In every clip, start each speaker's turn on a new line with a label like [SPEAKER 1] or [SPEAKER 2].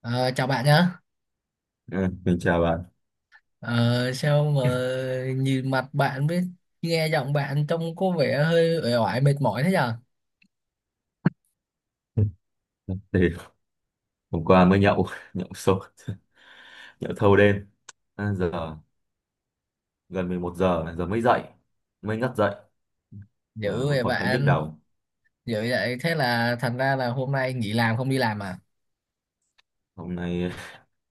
[SPEAKER 1] Ờ, chào bạn nhá.
[SPEAKER 2] À, mình chào bạn.
[SPEAKER 1] Ờ, sao mà nhìn mặt bạn với nghe giọng bạn trông có vẻ hơi uể oải mệt mỏi thế nhờ?
[SPEAKER 2] Thì hôm qua mới nhậu, nhậu sôi, nhậu thâu đêm. À, giờ gần 11 giờ, giờ mới dậy, mới ngất dậy. Giờ
[SPEAKER 1] Dữ
[SPEAKER 2] vẫn
[SPEAKER 1] vậy
[SPEAKER 2] còn hơi nhức
[SPEAKER 1] bạn,
[SPEAKER 2] đầu.
[SPEAKER 1] dữ vậy thế là thành ra là hôm nay nghỉ làm không đi làm à?
[SPEAKER 2] Hôm nay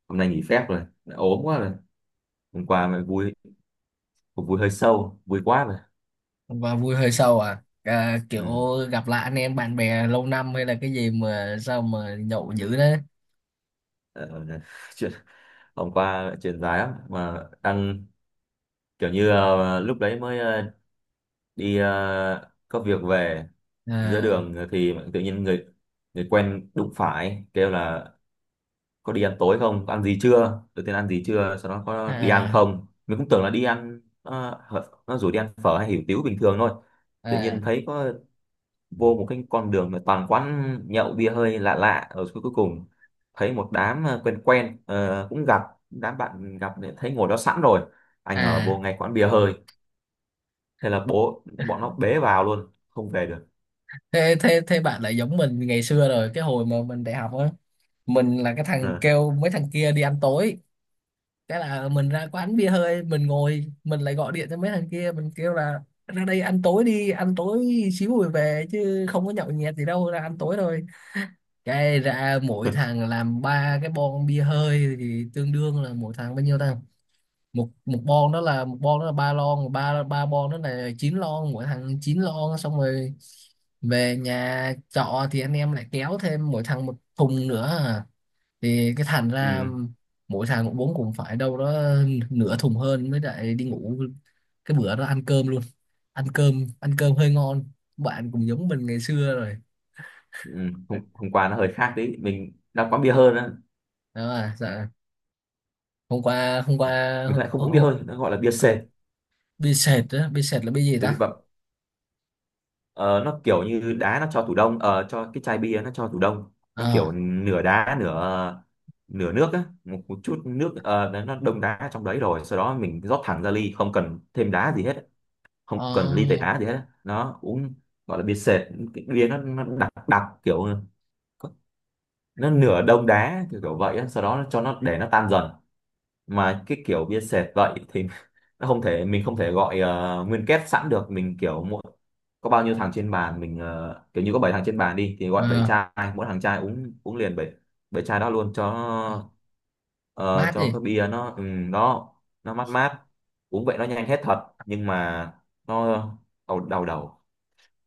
[SPEAKER 2] hôm nay nghỉ phép rồi, đã ốm quá rồi. Hôm qua mới vui, cuộc vui hơi sâu, vui quá rồi.
[SPEAKER 1] Và vui hơi sâu à? À,
[SPEAKER 2] Ừ.
[SPEAKER 1] kiểu gặp lại anh em bạn bè lâu năm hay là cái gì mà sao mà nhậu dữ đấy?
[SPEAKER 2] Ờ, chuyện, hôm qua chuyện dài lắm mà đang kiểu như lúc đấy mới đi có việc về giữa
[SPEAKER 1] À,
[SPEAKER 2] đường thì tự nhiên người người quen đụng phải kêu là có đi ăn tối không, có ăn gì chưa, đầu tiên ăn gì chưa, sau đó có đi ăn
[SPEAKER 1] à,
[SPEAKER 2] không. Mình cũng tưởng là đi ăn, nó rủ đi ăn phở hay hủ tiếu bình thường thôi, tự
[SPEAKER 1] à,
[SPEAKER 2] nhiên thấy có vô một cái con đường mà toàn quán nhậu bia hơi lạ lạ ở cuối cuối cùng thấy một đám quen quen cũng gặp đám bạn gặp để thấy ngồi đó sẵn rồi, ai ngờ
[SPEAKER 1] à.
[SPEAKER 2] vô ngay quán bia hơi, thế là bố bọn nó bế vào luôn, không về được.
[SPEAKER 1] Thế, thế, thế bạn lại giống mình ngày xưa rồi, cái hồi mà mình đại học á. Mình là cái
[SPEAKER 2] Ờ.
[SPEAKER 1] thằng kêu mấy thằng kia đi ăn tối, cái là mình ra quán bia hơi mình ngồi mình lại gọi điện cho mấy thằng kia mình kêu là ra đây ăn tối, đi ăn tối xíu rồi về chứ không có nhậu nhẹt gì đâu, ra ăn tối thôi. Cái ra mỗi thằng làm ba cái bon bia hơi thì tương đương là mỗi thằng bao nhiêu ta? Một một bon đó là một bon đó là 3 lon, ba ba bon đó là 9 lon, mỗi thằng 9 lon xong rồi về nhà trọ thì anh em lại kéo thêm mỗi thằng một thùng nữa à, thì cái thành ra
[SPEAKER 2] Ừ,
[SPEAKER 1] mỗi thằng cũng bốn cũng phải đâu đó nửa thùng hơn mới lại đi ngủ. Cái bữa đó ăn cơm luôn, ăn cơm hơi ngon. Bạn cũng giống mình ngày xưa rồi.
[SPEAKER 2] ừ, hôm qua nó hơi khác đấy, mình đang quán bia hơi đó.
[SPEAKER 1] Đó à, dạ. Hôm qua, hôm
[SPEAKER 2] Ờ,
[SPEAKER 1] qua
[SPEAKER 2] mình lại không
[SPEAKER 1] hô-
[SPEAKER 2] uống bia
[SPEAKER 1] hô-
[SPEAKER 2] hơi, nó gọi là bia sệt
[SPEAKER 1] bia sệt á, bia sệt là bia gì
[SPEAKER 2] để
[SPEAKER 1] ta?
[SPEAKER 2] bị bậm. Ờ, nó kiểu như đá nó cho tủ đông, cho cái chai bia nó cho tủ đông. Nó
[SPEAKER 1] ờ
[SPEAKER 2] kiểu nửa đá nửa nửa nước á, một chút nước, nó đông đá trong đấy rồi sau đó mình rót thẳng ra ly, không cần thêm đá gì hết, không cần ly tẩy
[SPEAKER 1] ờ
[SPEAKER 2] đá gì hết á. Nó uống gọi là bia sệt, cái bia nó đặc đặc kiểu nó nửa đông đá kiểu kiểu vậy á. Sau đó nó cho nó để nó tan dần, mà cái kiểu bia sệt vậy thì nó không thể, mình không thể gọi nguyên kết sẵn được. Mình kiểu mỗi có bao nhiêu thằng trên bàn mình kiểu như có bảy thằng trên bàn đi thì
[SPEAKER 1] ờ
[SPEAKER 2] gọi 7 chai, mỗi thằng chai, uống uống liền 7 bảy chai đó luôn cho ờ,
[SPEAKER 1] Mát
[SPEAKER 2] cho
[SPEAKER 1] gì?
[SPEAKER 2] cái bia nó ừ, đó, nó mát mát. Uống vậy nó nhanh hết thật nhưng mà nó đầu đầu đầu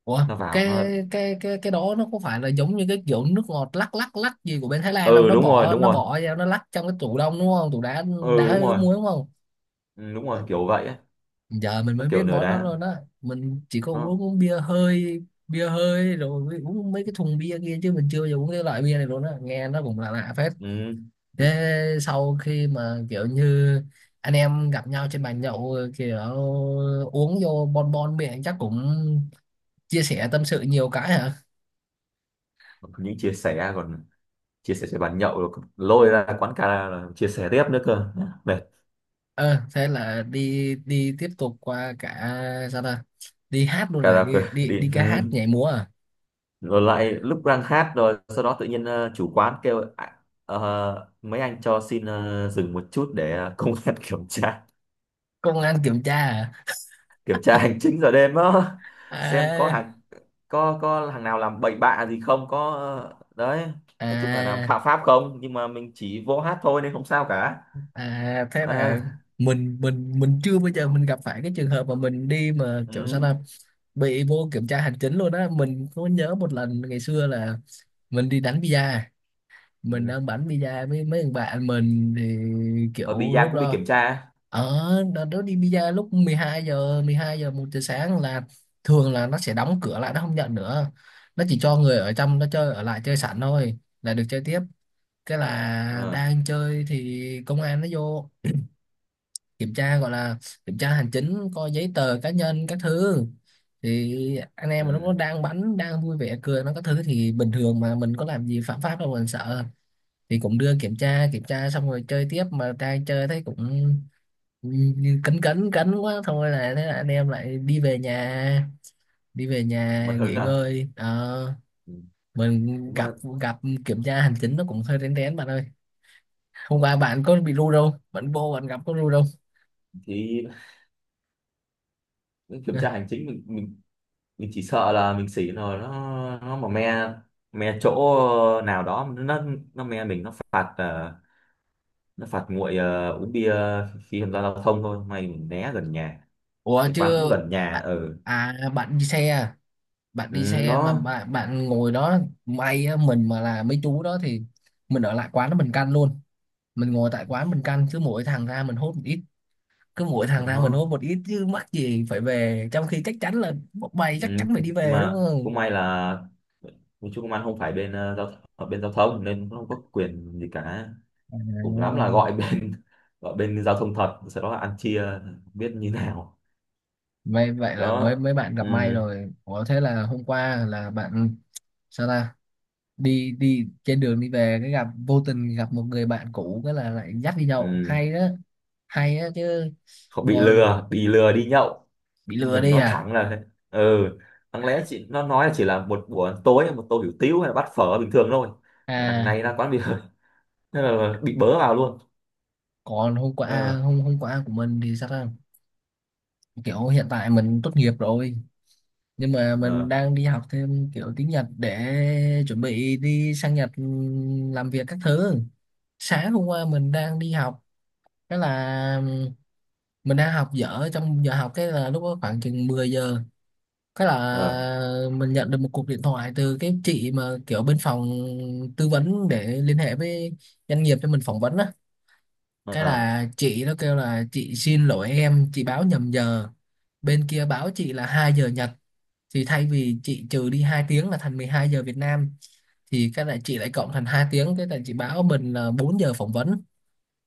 [SPEAKER 1] Ủa,
[SPEAKER 2] nó vào
[SPEAKER 1] cái
[SPEAKER 2] nó.
[SPEAKER 1] cái đó nó có phải là giống như cái kiểu nước ngọt lắc lắc lắc gì của bên Thái Lan không,
[SPEAKER 2] Ừ,
[SPEAKER 1] nó
[SPEAKER 2] đúng rồi,
[SPEAKER 1] bỏ
[SPEAKER 2] đúng
[SPEAKER 1] nó
[SPEAKER 2] rồi.
[SPEAKER 1] bỏ vào nó lắc trong cái tủ đông đúng không, tủ đá, đá
[SPEAKER 2] Ừ, đúng
[SPEAKER 1] với cái
[SPEAKER 2] rồi.
[SPEAKER 1] muối đúng không?
[SPEAKER 2] Ừ, đúng rồi kiểu vậy ấy.
[SPEAKER 1] Giờ mình
[SPEAKER 2] Nó
[SPEAKER 1] mới biết
[SPEAKER 2] kiểu nửa
[SPEAKER 1] món đó
[SPEAKER 2] đá
[SPEAKER 1] luôn á, mình chỉ có
[SPEAKER 2] nó
[SPEAKER 1] uống bia hơi, bia hơi rồi mới uống mấy cái thùng bia kia chứ mình chưa bao giờ uống cái loại bia này luôn á, nghe nó cũng là lạ lạ phết.
[SPEAKER 2] ừ.
[SPEAKER 1] Thế sau khi mà kiểu như anh em gặp nhau trên bàn nhậu kiểu uống vô bon bon miệng chắc cũng chia sẻ tâm sự nhiều cái hả?
[SPEAKER 2] Những chia sẻ còn chia sẻ cho bàn nhậu rồi lôi ra quán karaoke là chia sẻ tiếp nữa cơ, mệt.
[SPEAKER 1] Ờ, thế là đi đi tiếp tục qua cả, sao ta, đi hát luôn, là
[SPEAKER 2] Karaoke
[SPEAKER 1] đi đi
[SPEAKER 2] đi
[SPEAKER 1] đi
[SPEAKER 2] ừ.
[SPEAKER 1] ca hát nhảy múa à?
[SPEAKER 2] Rồi lại lúc đang hát rồi sau đó tự nhiên chủ quán kêu "À, mấy anh cho xin dừng một chút để công an kiểm tra,
[SPEAKER 1] Công an kiểm tra?
[SPEAKER 2] kiểm tra hành chính giờ đêm đó, xem có
[SPEAKER 1] À.
[SPEAKER 2] hàng, có hàng nào làm bậy bạ gì không, có đấy,
[SPEAKER 1] À.
[SPEAKER 2] nói chung là làm
[SPEAKER 1] À.
[SPEAKER 2] phạm pháp không", nhưng mà mình chỉ vô hát thôi nên không sao cả.
[SPEAKER 1] À, thế là
[SPEAKER 2] À,
[SPEAKER 1] mình chưa bao giờ mình gặp phải cái trường hợp mà mình đi mà kiểu sao
[SPEAKER 2] ừ.
[SPEAKER 1] ta bị vô kiểm tra hành chính luôn á. Mình có nhớ một lần ngày xưa là mình đi đánh bida, mình
[SPEAKER 2] Ừ.
[SPEAKER 1] đang bắn bida với mấy thằng bạn mình thì
[SPEAKER 2] Rồi bì
[SPEAKER 1] kiểu
[SPEAKER 2] da
[SPEAKER 1] lúc
[SPEAKER 2] cũng bị
[SPEAKER 1] đó,
[SPEAKER 2] kiểm tra.
[SPEAKER 1] ở đợt đó đi bida lúc 12 giờ, 12 giờ 1 giờ sáng là thường là nó sẽ đóng cửa lại nó không nhận nữa, nó chỉ cho người ở trong nó chơi ở lại chơi sẵn thôi là được chơi tiếp. Cái là
[SPEAKER 2] Ờ,
[SPEAKER 1] đang chơi thì công an nó vô kiểm tra, gọi là kiểm tra hành chính coi giấy tờ cá nhân các thứ. Thì anh em mà lúc
[SPEAKER 2] ừ.
[SPEAKER 1] đó đang bắn đang vui vẻ cười nó các thứ thì bình thường, mà mình có làm gì phạm pháp đâu mà mình sợ, thì cũng đưa kiểm tra, kiểm tra xong rồi chơi tiếp. Mà đang chơi thấy cũng như cấn cấn cấn quá thôi là thế là anh em lại đi về nhà, đi về nhà
[SPEAKER 2] Mất hứng
[SPEAKER 1] nghỉ
[SPEAKER 2] à.
[SPEAKER 1] ngơi. Ờ,
[SPEAKER 2] Ừ.
[SPEAKER 1] mình
[SPEAKER 2] Đúng
[SPEAKER 1] gặp,
[SPEAKER 2] là
[SPEAKER 1] gặp kiểm tra hành chính nó cũng hơi rén rén bạn ơi. Hôm qua bạn có bị ru đâu, bạn vô bạn gặp có ru đâu.
[SPEAKER 2] thì kiểm tra hành chính mình, mình chỉ sợ là mình xỉ rồi nó mà me, me chỗ nào đó nó me mình, nó phạt nó phạt nguội uống bia khi tham gia giao thông thôi. May mình né gần nhà,
[SPEAKER 1] Ủa
[SPEAKER 2] cái quán cũng
[SPEAKER 1] chứ.
[SPEAKER 2] gần nhà ở ừ.
[SPEAKER 1] À, bạn đi xe à? Bạn đi
[SPEAKER 2] Ừ,
[SPEAKER 1] xe mà
[SPEAKER 2] đó
[SPEAKER 1] bạn, bạn ngồi đó, may á. Mình mà là mấy chú đó thì mình ở lại quán đó mình căn luôn, mình ngồi tại quán mình căn cứ mỗi thằng ra mình hốt một ít, cứ mỗi
[SPEAKER 2] thì
[SPEAKER 1] thằng ra mình
[SPEAKER 2] đó
[SPEAKER 1] hốt một ít chứ mắc gì phải về, trong khi chắc chắn là bọn mày
[SPEAKER 2] ừ.
[SPEAKER 1] chắc chắn phải đi
[SPEAKER 2] Nhưng
[SPEAKER 1] về đúng
[SPEAKER 2] mà
[SPEAKER 1] không?
[SPEAKER 2] cũng may là mình, chú công an không phải bên ở bên giao thông nên cũng không có quyền gì cả.
[SPEAKER 1] À,
[SPEAKER 2] Cùng lắm là gọi bên gọi bên giao thông thật, sau đó là ăn chia không biết như nào.
[SPEAKER 1] vậy vậy là mấy
[SPEAKER 2] Đó
[SPEAKER 1] mấy bạn
[SPEAKER 2] ừ,
[SPEAKER 1] gặp may rồi. Ủa thế là hôm qua là bạn, sao ta, đi đi trên đường đi về cái gặp vô tình gặp một người bạn cũ cái là lại dắt đi nhậu
[SPEAKER 2] ừ.
[SPEAKER 1] hay đó, hay đó chứ.
[SPEAKER 2] Không, bị
[SPEAKER 1] Còn
[SPEAKER 2] lừa, bị lừa đi nhậu.
[SPEAKER 1] bị lừa
[SPEAKER 2] Đừng
[SPEAKER 1] đi
[SPEAKER 2] nói
[SPEAKER 1] à?
[SPEAKER 2] thẳng là thế. Ừ, đáng lẽ chị nó nói là chỉ là một buổi tối một tô hủ tiếu hay là bát phở bình thường thôi, đằng
[SPEAKER 1] À,
[SPEAKER 2] này ra quán bia, thế là bị bớ vào luôn.
[SPEAKER 1] còn hôm qua,
[SPEAKER 2] Ờ.
[SPEAKER 1] hôm hôm qua của mình thì sao ta, kiểu hiện tại mình tốt nghiệp rồi nhưng mà
[SPEAKER 2] Ờ.
[SPEAKER 1] mình đang đi học thêm kiểu tiếng Nhật để chuẩn bị đi sang Nhật, ừ, làm việc các thứ. Sáng hôm qua mình đang đi học, cái là ừ, mình đang học dở trong giờ học, cái là lúc đó khoảng chừng 10 giờ, cái
[SPEAKER 2] Ờ.
[SPEAKER 1] là mình nhận được một cuộc điện thoại từ cái chị mà kiểu bên phòng tư vấn để liên hệ với doanh nghiệp cho mình phỏng vấn á. Cái
[SPEAKER 2] Ờ.
[SPEAKER 1] là chị nó kêu là chị xin lỗi em, chị báo nhầm giờ, bên kia báo chị là 2 giờ Nhật thì thay vì chị trừ đi 2 tiếng là thành 12 giờ Việt Nam thì cái là chị lại cộng thành 2 tiếng, cái là chị báo mình là 4 giờ phỏng vấn.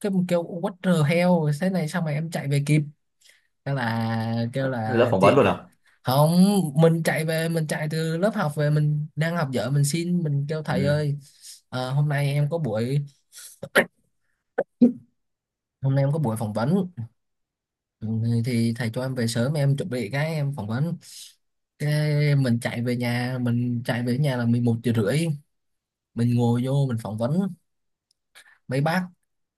[SPEAKER 1] Cái mình kêu what the hell thế này sao mà em chạy về kịp. Cái là kêu
[SPEAKER 2] Lớp
[SPEAKER 1] là
[SPEAKER 2] phỏng vấn
[SPEAKER 1] chị
[SPEAKER 2] luôn à?
[SPEAKER 1] không, mình chạy về, mình chạy từ lớp học về, mình đang học dở mình xin, mình kêu thầy
[SPEAKER 2] Ừ.
[SPEAKER 1] ơi, hôm nay em có buổi, hôm nay em có buổi phỏng vấn, ừ, thì thầy cho em về sớm em chuẩn bị cái em phỏng vấn. Cái mình chạy về nhà, mình chạy về nhà là 11 giờ rưỡi, mình ngồi vô mình phỏng vấn mấy bác.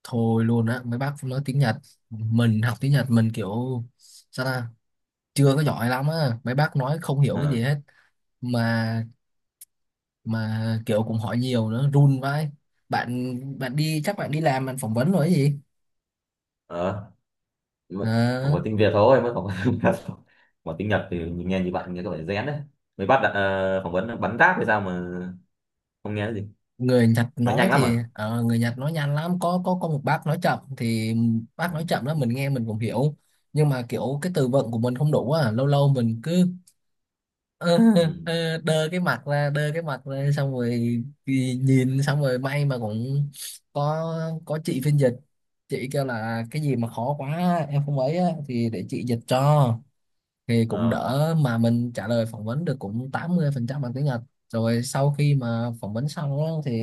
[SPEAKER 1] Thôi luôn á, mấy bác nói tiếng Nhật, mình học tiếng Nhật mình kiểu sao ta chưa có giỏi lắm á, mấy bác nói không hiểu
[SPEAKER 2] Ờ.
[SPEAKER 1] cái gì hết. mà mà kiểu cũng hỏi nhiều nữa run vai. Bạn, bạn đi chắc bạn đi làm bạn phỏng vấn rồi cái gì.
[SPEAKER 2] Ờ. Nhưng mà không
[SPEAKER 1] Ờ,
[SPEAKER 2] có tiếng Việt thôi mới phỏng vấn, mà tiếng Nhật thì mình nghe như bạn, nghe các bạn rén đấy. Mới bắt đặt, phỏng vấn bắn ráp hay sao mà không nghe cái gì.
[SPEAKER 1] người Nhật
[SPEAKER 2] Nói
[SPEAKER 1] nói
[SPEAKER 2] nhanh lắm
[SPEAKER 1] thì
[SPEAKER 2] à?
[SPEAKER 1] người Nhật nói nhanh lắm, có một bác nói chậm thì
[SPEAKER 2] Ừ.
[SPEAKER 1] bác nói chậm đó mình nghe mình cũng hiểu, nhưng mà kiểu cái từ vựng của mình không đủ á, lâu lâu mình cứ ờ,
[SPEAKER 2] Ừ.
[SPEAKER 1] đơ cái mặt ra, đơ cái mặt ra xong rồi thì nhìn xong rồi, may mà cũng có có chị phiên dịch, chị kêu là cái gì mà khó quá em không ấy á, thì để chị dịch cho, thì cũng
[SPEAKER 2] Ờ.
[SPEAKER 1] đỡ, mà mình trả lời phỏng vấn được cũng 80% bằng tiếng Nhật. Rồi sau khi mà phỏng vấn xong á, thì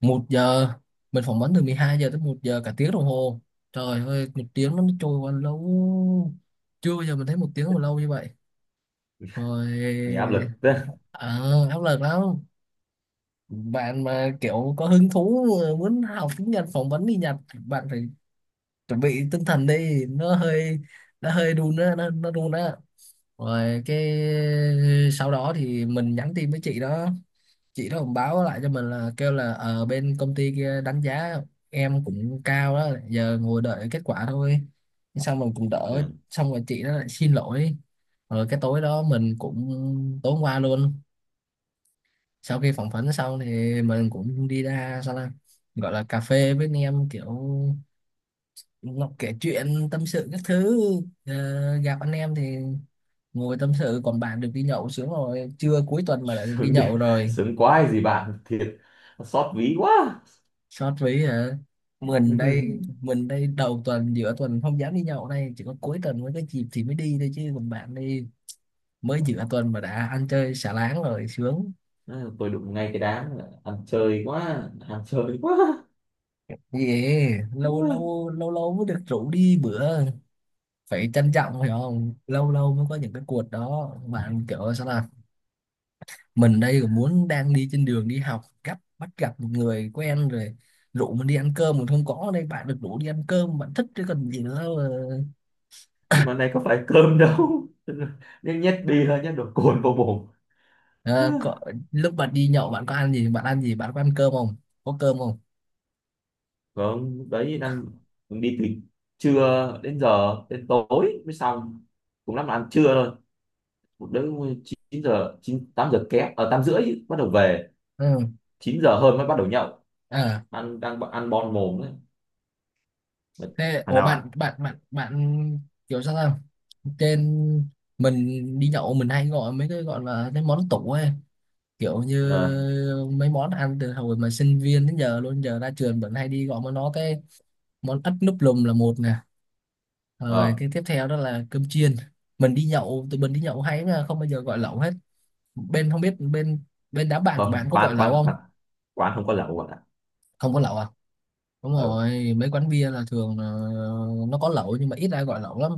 [SPEAKER 1] một giờ, mình phỏng vấn từ 12 giờ tới 1 giờ, cả tiếng đồng hồ, trời ơi, một tiếng nó trôi qua lâu, chưa bao giờ mình thấy một tiếng mà lâu như vậy,
[SPEAKER 2] Nghe áp
[SPEAKER 1] rồi.
[SPEAKER 2] lực đấy.
[SPEAKER 1] À, áp lực lắm. Bạn mà kiểu có hứng thú muốn học tiếng Nhật phỏng vấn đi Nhật, bạn phải chuẩn bị tinh thần đi, nó hơi, nó hơi đun á, nó đun á. Rồi cái sau đó thì mình nhắn tin với chị đó, chị đó cũng báo lại cho mình là kêu là ở bên công ty kia đánh giá em cũng cao đó, giờ ngồi đợi kết quả thôi, xong mình cũng đỡ.
[SPEAKER 2] Ừ.
[SPEAKER 1] Xong rồi chị đó lại xin lỗi. Rồi cái tối đó mình cũng, tối hôm qua luôn, sau khi phỏng vấn xong thì mình cũng đi ra, sao là, gọi là cà phê với anh em kiểu, nó kể chuyện tâm sự các thứ. Ờ, gặp anh em thì ngồi tâm sự, còn bạn được đi nhậu sướng rồi, trưa cuối tuần mà lại được đi
[SPEAKER 2] Sướng đi,
[SPEAKER 1] nhậu rồi.
[SPEAKER 2] sướng quá hay gì bạn, thiệt xót ví quá.
[SPEAKER 1] Sót ví hả? Mình đây, mình đây đầu tuần giữa tuần không dám đi nhậu đây, chỉ có cuối tuần mới có dịp thì mới đi thôi, chứ còn bạn đi mới giữa tuần mà đã ăn chơi xả láng rồi, sướng
[SPEAKER 2] Ừ, tôi đụng ngay cái đám ăn chơi quá, ăn chơi quá.
[SPEAKER 1] gì. Lâu
[SPEAKER 2] Ừ,
[SPEAKER 1] lâu, lâu lâu mới được rủ đi bữa phải trân trọng phải không, lâu lâu mới có những cái cuộc đó bạn, kiểu sao là mình đây còn muốn đang đi trên đường đi học gấp bắt gặp một người quen rồi rủ mình đi ăn cơm mình không có. Ở đây bạn được rủ đi ăn cơm bạn thích chứ còn gì nữa mà.
[SPEAKER 2] nhưng mà này có phải cơm đâu, nhét nhét bia nhét đồ cồn vào mồm. Ừ,
[SPEAKER 1] Ờ, có, lúc bạn đi nhậu bạn có ăn gì, bạn ăn gì, bạn có ăn cơm không, có cơm không?
[SPEAKER 2] vâng đấy, đang đi từ trưa đến giờ đến tối mới xong, cũng lắm là ăn trưa thôi. Một đứa 9 giờ, 9 8 giờ kém ở 8 rưỡi bắt đầu về,
[SPEAKER 1] Ừ.
[SPEAKER 2] chín giờ hơn mới bắt đầu nhậu,
[SPEAKER 1] Ờ,
[SPEAKER 2] ăn đang ăn bon mồm.
[SPEAKER 1] thế
[SPEAKER 2] Thằng
[SPEAKER 1] ủa
[SPEAKER 2] nào ạ?
[SPEAKER 1] bạn, bạn kiểu sao không, trên, mình đi nhậu mình hay gọi mấy cái gọi là cái món tủ ấy, kiểu như
[SPEAKER 2] Ờ.
[SPEAKER 1] mấy món ăn từ hồi mà sinh viên đến giờ luôn, giờ ra trường vẫn hay đi gọi món nó cái. Món ất núp lùm là một nè, rồi
[SPEAKER 2] Ờ.
[SPEAKER 1] cái tiếp theo đó là cơm chiên. Mình đi nhậu, tụi mình đi nhậu hay mà không bao giờ gọi lẩu hết. Bên không biết bên bên đám bạn của
[SPEAKER 2] Không,
[SPEAKER 1] bạn có gọi
[SPEAKER 2] quán
[SPEAKER 1] lẩu
[SPEAKER 2] quán quán
[SPEAKER 1] không
[SPEAKER 2] quán không có lẩu bạn ạ.
[SPEAKER 1] không có lẩu à Đúng
[SPEAKER 2] Ừ,
[SPEAKER 1] rồi, mấy quán bia là thường là nó có lẩu nhưng mà ít ai gọi lẩu lắm.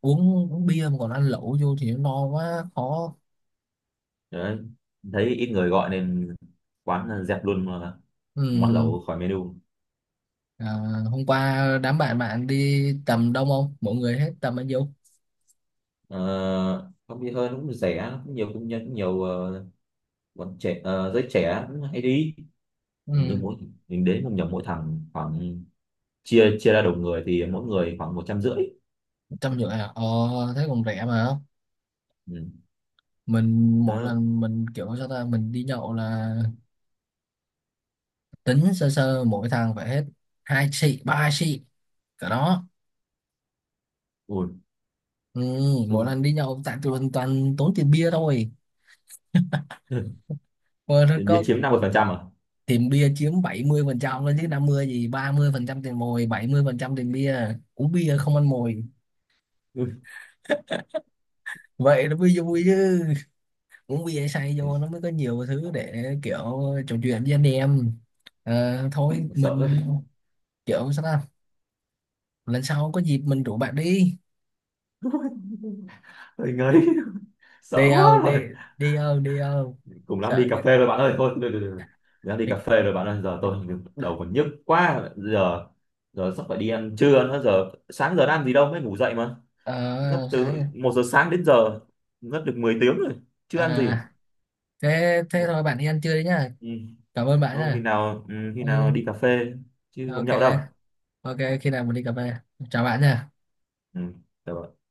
[SPEAKER 1] Uống, uống bia mà còn ăn lẩu vô thì nó no quá, khó.
[SPEAKER 2] đấy, thấy ít người gọi nên quán dẹp luôn,
[SPEAKER 1] Ừ.
[SPEAKER 2] món lẩu khỏi menu.
[SPEAKER 1] À, hôm qua đám bạn bạn đi tầm đông không? Mọi người hết tầm bao nhiêu?
[SPEAKER 2] ờ, Không đi hơn, cũng rẻ cũng nhiều cũng nhân cũng nhiều, bọn trẻ, giới trẻ cũng hay đi. Như
[SPEAKER 1] Ừ.
[SPEAKER 2] mỗi mình đến một nhóm, mỗi thằng khoảng, chia chia ra đầu người thì mỗi người khoảng 150.
[SPEAKER 1] Trăm rưỡi à? Ờ, thế còn rẻ mà.
[SPEAKER 2] Ừ.
[SPEAKER 1] Mình mỗi
[SPEAKER 2] Đó.
[SPEAKER 1] lần mình kiểu sao ta, mình đi nhậu là tính sơ sơ mỗi thằng phải hết hai xị, ba xị. Cả đó.
[SPEAKER 2] Ui.
[SPEAKER 1] Ừ, mỗi
[SPEAKER 2] Xong
[SPEAKER 1] lần đi nhậu tại tụi mình toàn tốn tiền bia thôi. Mà
[SPEAKER 2] đến bia
[SPEAKER 1] có
[SPEAKER 2] chiếm 50% à?
[SPEAKER 1] tiền bia chiếm 70% đó chứ, 50 gì, 30% tiền mồi, 70% tiền bia, uống bia không ăn mồi
[SPEAKER 2] Ui,
[SPEAKER 1] vậy nó mới vui chứ. Uống bia say vô nó mới có nhiều thứ để kiểu trò chuyện với anh em. Ờ, thôi
[SPEAKER 2] sợ ơi.
[SPEAKER 1] mình kiểu sao ta lần sau có dịp mình rủ bạn đi.
[SPEAKER 2] Ôi, ngấy,
[SPEAKER 1] Đi
[SPEAKER 2] sợ quá
[SPEAKER 1] đâu
[SPEAKER 2] rồi.
[SPEAKER 1] đi, đi đâu, đi đâu?
[SPEAKER 2] Cùng lắm đi
[SPEAKER 1] Sợ kìa.
[SPEAKER 2] cà phê rồi bạn ơi, thôi được, được, được. Đã đi cà
[SPEAKER 1] Đi-.
[SPEAKER 2] phê rồi bạn ơi, giờ tôi đầu còn nhức quá, giờ giờ sắp phải đi ăn trưa nữa, giờ sáng giờ đã ăn gì đâu, mới ngủ dậy mà. Ngất
[SPEAKER 1] Ờ
[SPEAKER 2] từ
[SPEAKER 1] sáng,
[SPEAKER 2] 1 giờ sáng đến giờ, ngất được 10 tiếng rồi, chưa ăn gì.
[SPEAKER 1] à thế thế thôi bạn đi ăn trưa đi nhá,
[SPEAKER 2] Ừ.
[SPEAKER 1] cảm ơn bạn
[SPEAKER 2] Thôi khi
[SPEAKER 1] nha.
[SPEAKER 2] nào, ừ, khi
[SPEAKER 1] Ừ,
[SPEAKER 2] nào đi cà phê chứ không
[SPEAKER 1] ok.
[SPEAKER 2] nhậu đâu.
[SPEAKER 1] Ok khi nào mình đi cà phê, chào bạn nha.
[SPEAKER 2] Ừ, được rồi.